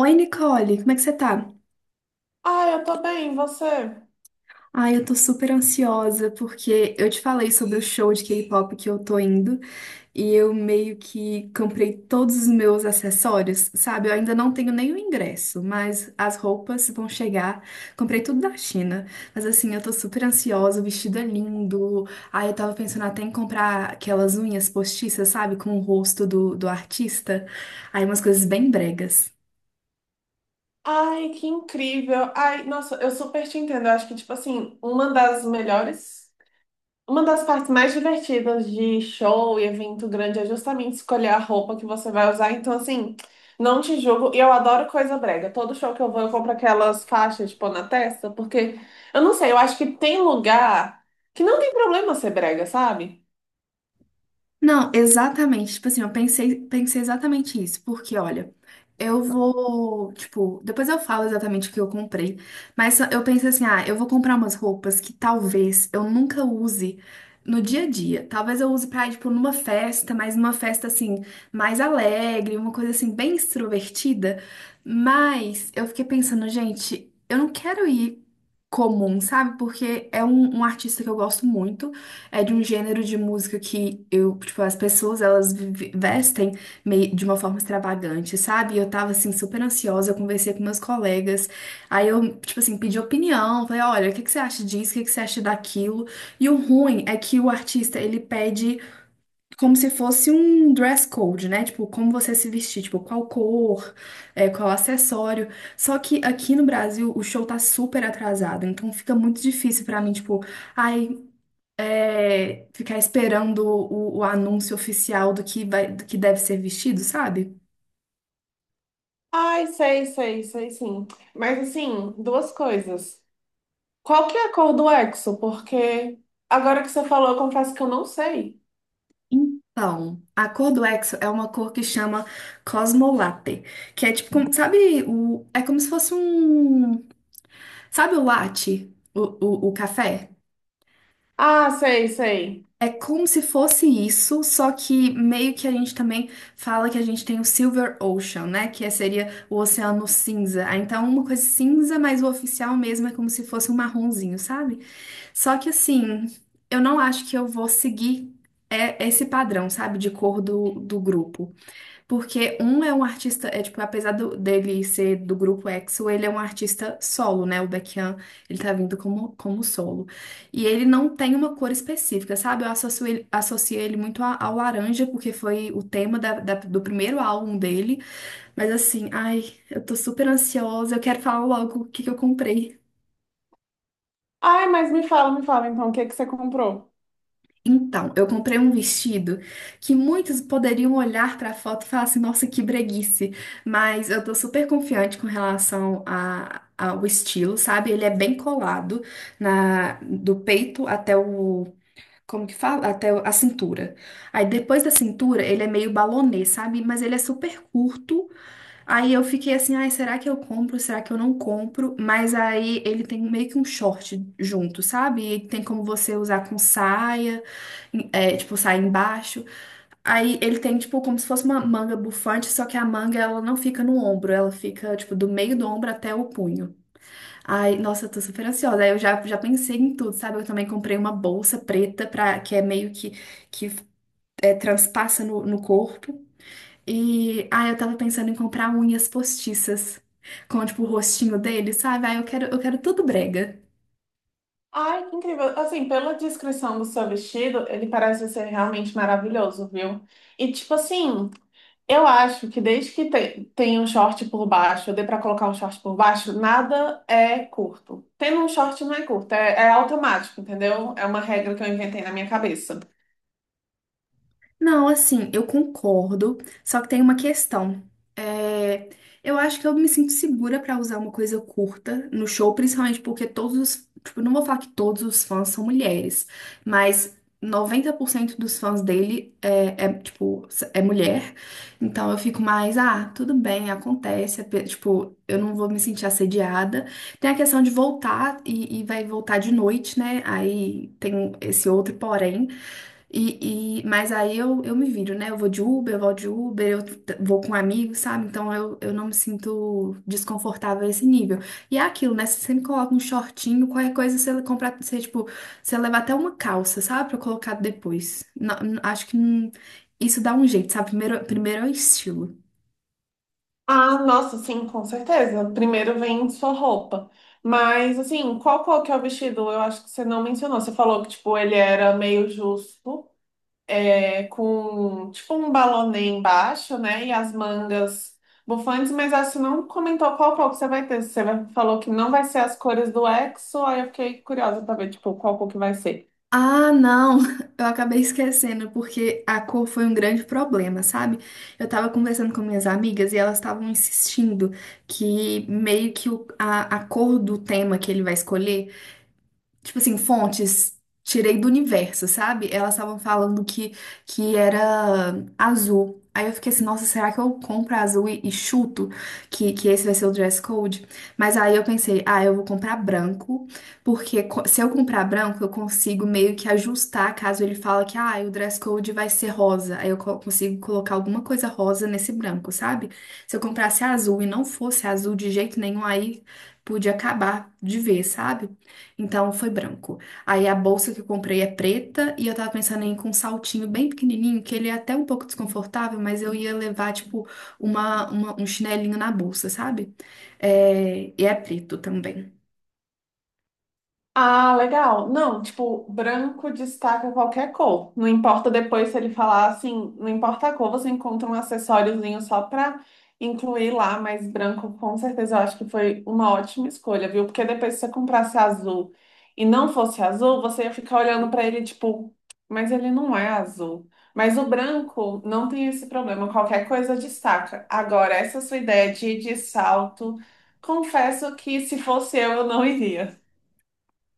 Oi, Nicole, como é que você tá? Ai, eu tô bem, e você? Ai, eu tô super ansiosa porque eu te falei sobre o show de K-pop que eu tô indo e eu meio que comprei todos os meus acessórios, sabe? Eu ainda não tenho nem o ingresso, mas as roupas vão chegar. Comprei tudo da China, mas assim, eu tô super ansiosa, o vestido é lindo. Ai, eu tava pensando até em comprar aquelas unhas postiças, sabe? Com o rosto do artista. Aí, umas coisas bem bregas. Ai, que incrível. Ai, nossa, eu super te entendo. Eu acho que, tipo assim, uma das melhores, uma das partes mais divertidas de show e evento grande é justamente escolher a roupa que você vai usar. Então, assim, não te julgo. E eu adoro coisa brega. Todo show que eu vou, eu compro aquelas faixas, tipo, na testa, porque eu não sei, eu acho que tem lugar que não tem problema ser brega, sabe? Não, exatamente. Tipo assim, eu pensei, pensei exatamente isso, porque olha, eu vou, tipo, depois eu falo exatamente o que eu comprei, mas eu pensei assim, ah, eu vou comprar umas roupas que talvez eu nunca use no dia a dia. Talvez eu use pra ir, tipo, numa festa, mas numa festa assim, mais alegre, uma coisa assim, bem extrovertida. Mas eu fiquei pensando, gente, eu não quero ir comum, sabe? Porque é um artista que eu gosto muito. É de um gênero de música que eu, tipo, as pessoas elas vestem meio, de uma forma extravagante, sabe? E eu tava assim super ansiosa, eu conversei com meus colegas, aí eu, tipo assim, pedi opinião, falei, olha, o que que você acha disso? O que que você acha daquilo? E o ruim é que o artista, ele pede como se fosse um dress code, né? Tipo, como você se vestir, tipo, qual cor, é, qual acessório. Só que aqui no Brasil o show tá super atrasado, então fica muito difícil pra mim, tipo, Ai, é, ficar esperando o anúncio oficial do que vai, do que deve ser vestido, sabe? Ai, sei, sei, sei, sim. Mas assim, duas coisas. Qual que é a cor do Exo? Porque agora que você falou, eu confesso que eu não sei. Então, a cor do Exo é uma cor que chama Cosmolatte, que é tipo, sabe, o, é como se fosse um, sabe o latte, o café? Ah, sei, sei. É como se fosse isso, só que meio que a gente também fala que a gente tem o Silver Ocean, né? Que é, seria o oceano cinza. Ah, então, uma coisa cinza, mas o oficial mesmo é como se fosse um marronzinho, sabe? Só que assim, eu não acho que eu vou seguir é, esse padrão, sabe, de cor do grupo. Porque é um artista, é tipo, apesar dele ser do grupo EXO, ele é um artista solo, né? O Baekhyun, ele tá vindo como, como solo. E ele não tem uma cor específica, sabe? Eu associo ele muito ao laranja, porque foi o tema do primeiro álbum dele. Mas assim, ai, eu tô super ansiosa, eu quero falar logo o que que eu comprei. Ai, mas me fala então, o que que você comprou? Então, eu comprei um vestido que muitos poderiam olhar para a foto e falar assim, nossa, que breguice. Mas eu tô super confiante com relação ao estilo, sabe? Ele é bem colado na do peito até o, como que fala? Até a cintura. Aí depois da cintura, ele é meio balonê, sabe? Mas ele é super curto. Aí eu fiquei assim, ai, será que eu compro? Será que eu não compro? Mas aí ele tem meio que um short junto, sabe? E tem como você usar com saia é, tipo, sai embaixo. Aí ele tem, tipo, como se fosse uma manga bufante, só que a manga, ela não fica no ombro, ela fica, tipo, do meio do ombro até o punho. Ai, nossa, eu tô super ansiosa. Aí eu já pensei em tudo, sabe? Eu também comprei uma bolsa preta, que é meio que é, transpassa no corpo. E, ai, eu tava pensando em comprar unhas postiças, com, tipo, o rostinho dele, sabe? Ai, eu quero tudo brega. Ai, que incrível. Assim, pela descrição do seu vestido, ele parece ser realmente maravilhoso, viu? E tipo assim, eu acho que desde que tem um short por baixo, dê pra colocar um short por baixo, nada é curto. Tendo um short não é curto, é automático, entendeu? É uma regra que eu inventei na minha cabeça. Não, assim, eu concordo, só que tem uma questão. É, eu acho que eu me sinto segura pra usar uma coisa curta no show, principalmente porque todos os, tipo, não vou falar que todos os fãs são mulheres, mas 90% dos fãs dele é, tipo, é mulher. Então eu fico mais, ah, tudo bem, acontece, é tipo, eu não vou me sentir assediada. Tem a questão de voltar e vai voltar de noite, né? Aí tem esse outro porém. Mas aí eu me viro, né? Eu vou de Uber, eu vou de Uber, vou com amigos, sabe? Então eu não me sinto desconfortável a esse nível. E é aquilo, né? Você sempre coloca um shortinho, qualquer coisa você comprar, você, tipo, você leva até uma calça, sabe? Pra colocar depois. Não- não- acho que não- isso dá um jeito, sabe? Primeiro, é o estilo. Ah, nossa, sim, com certeza. Primeiro vem sua roupa. Mas, assim, qual cor que é o vestido? Eu acho que você não mencionou. Você falou que, tipo, ele era meio justo com tipo um balonê embaixo, né? E as mangas bufantes, mas acho que não comentou qual cor que você vai ter. Falou que não vai ser as cores do EXO, aí eu fiquei curiosa pra ver, tipo, qual cor que vai ser. Ah, não, eu acabei esquecendo, porque a cor foi um grande problema, sabe? Eu tava conversando com minhas amigas e elas estavam insistindo que meio que a cor do tema que ele vai escolher tipo assim, fontes tirei do universo, sabe? Elas estavam falando que era azul. Aí eu fiquei assim, nossa, será que eu compro azul e chuto que esse vai ser o dress code? Mas aí eu pensei, ah, eu vou comprar branco, porque se eu comprar branco, eu consigo meio que ajustar caso ele fala que, ah, o dress code vai ser rosa. Aí eu consigo colocar alguma coisa rosa nesse branco, sabe? Se eu comprasse azul e não fosse azul de jeito nenhum, aí podia acabar de ver, sabe? Então foi branco. Aí a bolsa que eu comprei é preta e eu tava pensando em ir com um saltinho bem pequenininho, que ele é até um pouco desconfortável, mas eu ia levar, tipo, um chinelinho na bolsa, sabe? É, e é preto também. Ah, legal. Não, tipo, branco destaca qualquer cor. Não importa depois se ele falar assim, não importa a cor, você encontra um acessóriozinho só pra incluir lá, mas branco com certeza eu acho que foi uma ótima escolha, viu? Porque depois se você comprasse azul e não fosse azul, você ia ficar olhando pra ele tipo, mas ele não é azul. Mas o branco não tem esse problema, qualquer coisa destaca. Agora, essa sua ideia de ir de salto, confesso que se fosse eu não iria.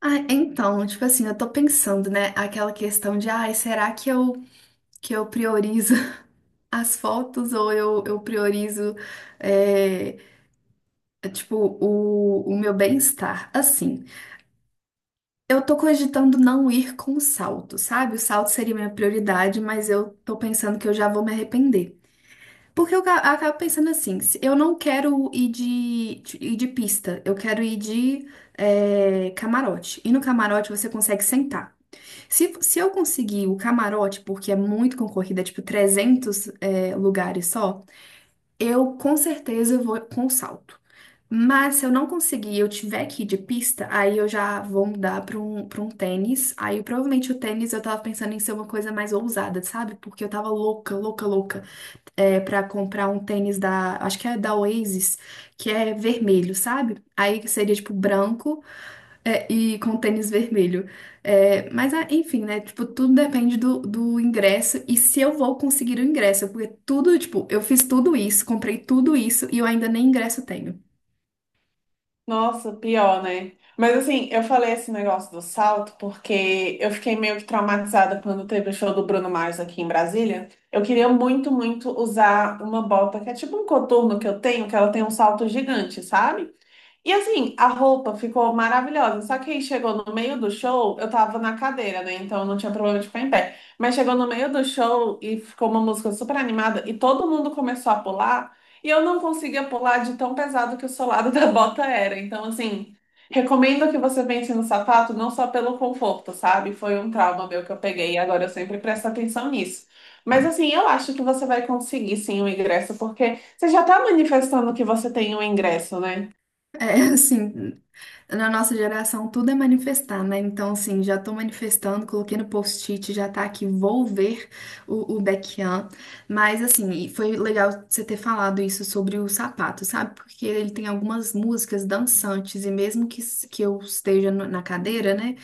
Ah, então, tipo assim, eu tô pensando, né, aquela questão de, ai, será que eu priorizo as fotos ou eu priorizo, é, tipo, o meu bem-estar? Assim. Eu tô cogitando não ir com o salto, sabe? O salto seria minha prioridade, mas eu tô pensando que eu já vou me arrepender. Porque eu acabo pensando assim, eu não quero ir ir de pista, eu quero ir de é, camarote. E no camarote você consegue sentar. Se eu conseguir o camarote, porque é muito concorrida, é tipo 300 é, lugares só, eu com certeza vou com salto. Mas se eu não conseguir, e eu tiver que ir de pista, aí eu já vou mudar para um tênis. Aí provavelmente o tênis eu tava pensando em ser uma coisa mais ousada, sabe? Porque eu tava louca, louca, louca é, para comprar um tênis da, acho que é da Oasis, que é vermelho, sabe? Aí seria tipo branco é, e com tênis vermelho. É, mas, ah, enfim, né? Tipo, tudo depende do ingresso e se eu vou conseguir o ingresso. Porque tudo, tipo, eu fiz tudo isso, comprei tudo isso e eu ainda nem ingresso tenho. Nossa, pior, né? Mas assim, eu falei esse negócio do salto porque eu fiquei meio que traumatizada quando teve o show do Bruno Mars aqui em Brasília. Eu queria muito usar uma bota que é tipo um coturno que eu tenho, que ela tem um salto gigante, sabe? E assim, a roupa ficou maravilhosa. Só que aí chegou no meio do show, eu tava na cadeira, né? Então eu não tinha problema de ficar em pé. Mas chegou no meio do show e ficou uma música super animada e todo mundo começou a pular. E eu não conseguia pular de tão pesado que o solado da bota era. Então, assim, recomendo que você pense no sapato, não só pelo conforto, sabe? Foi um trauma meu que eu peguei e agora eu sempre presto atenção nisso. Mas assim, eu acho que você vai conseguir sim o ingresso, porque você já tá manifestando que você tem o ingresso, né? É, assim. Na nossa geração, tudo é manifestar, né? Então, assim, já tô manifestando, coloquei no post-it, já tá aqui, vou ver o Baekhyun. Mas, assim, e foi legal você ter falado isso sobre o sapato, sabe? Porque ele tem algumas músicas dançantes, e mesmo que, que eu esteja na cadeira, né?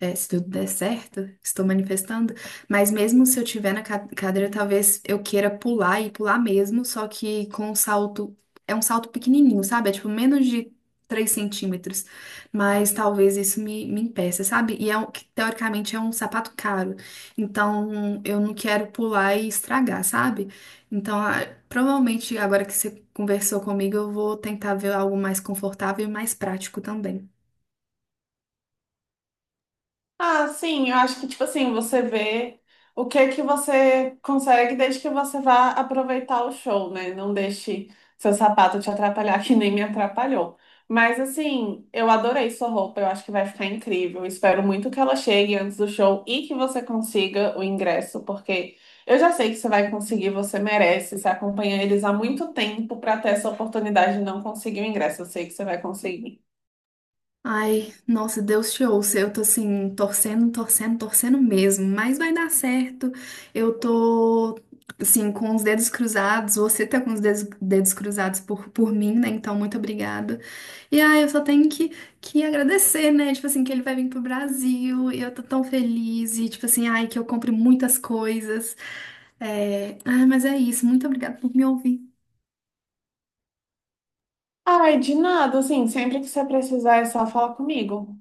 É, se tudo der certo, estou manifestando. Mas mesmo se eu tiver na cadeira, talvez eu queira pular e pular mesmo, só que com um salto. É um salto pequenininho, sabe? É tipo menos de 3 centímetros mas talvez isso me impeça, sabe? E é um, que, teoricamente é um sapato caro, então eu não quero pular e estragar, sabe? Então, ah, provavelmente agora que você conversou comigo, eu vou tentar ver algo mais confortável e mais prático também. Ah, sim, eu acho que, tipo assim, você vê o que é que você consegue desde que você vá aproveitar o show, né? Não deixe seu sapato te atrapalhar, que nem me atrapalhou. Mas, assim, eu adorei sua roupa, eu acho que vai ficar incrível. Espero muito que ela chegue antes do show e que você consiga o ingresso, porque eu já sei que você vai conseguir, você merece. Você acompanha eles há muito tempo para ter essa oportunidade de não conseguir o ingresso. Eu sei que você vai conseguir. Ai, nossa, Deus te ouça. Eu tô assim, torcendo, torcendo, torcendo mesmo, mas vai dar certo. Eu tô, assim, com os dedos cruzados. Você tá com os dedos cruzados por mim, né? Então, muito obrigada. E ai, eu só tenho que agradecer, né? Tipo assim, que ele vai vir pro Brasil e eu tô tão feliz. E, tipo assim, ai, que eu compre muitas coisas. Ai, mas é isso. Muito obrigada por me ouvir. Ai, de nada, assim, sempre que você precisar é só falar comigo.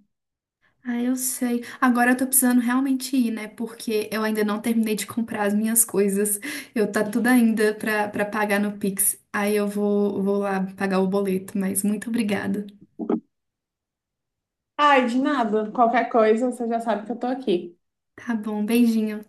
Ah, eu sei. Agora eu tô precisando realmente ir, né? Porque eu ainda não terminei de comprar as minhas coisas. Eu tá tudo ainda pra pagar no Pix. Aí eu vou lá pagar o boleto, mas muito obrigada. Ai, de nada. Qualquer coisa, você já sabe que eu tô aqui. Tá bom, beijinho.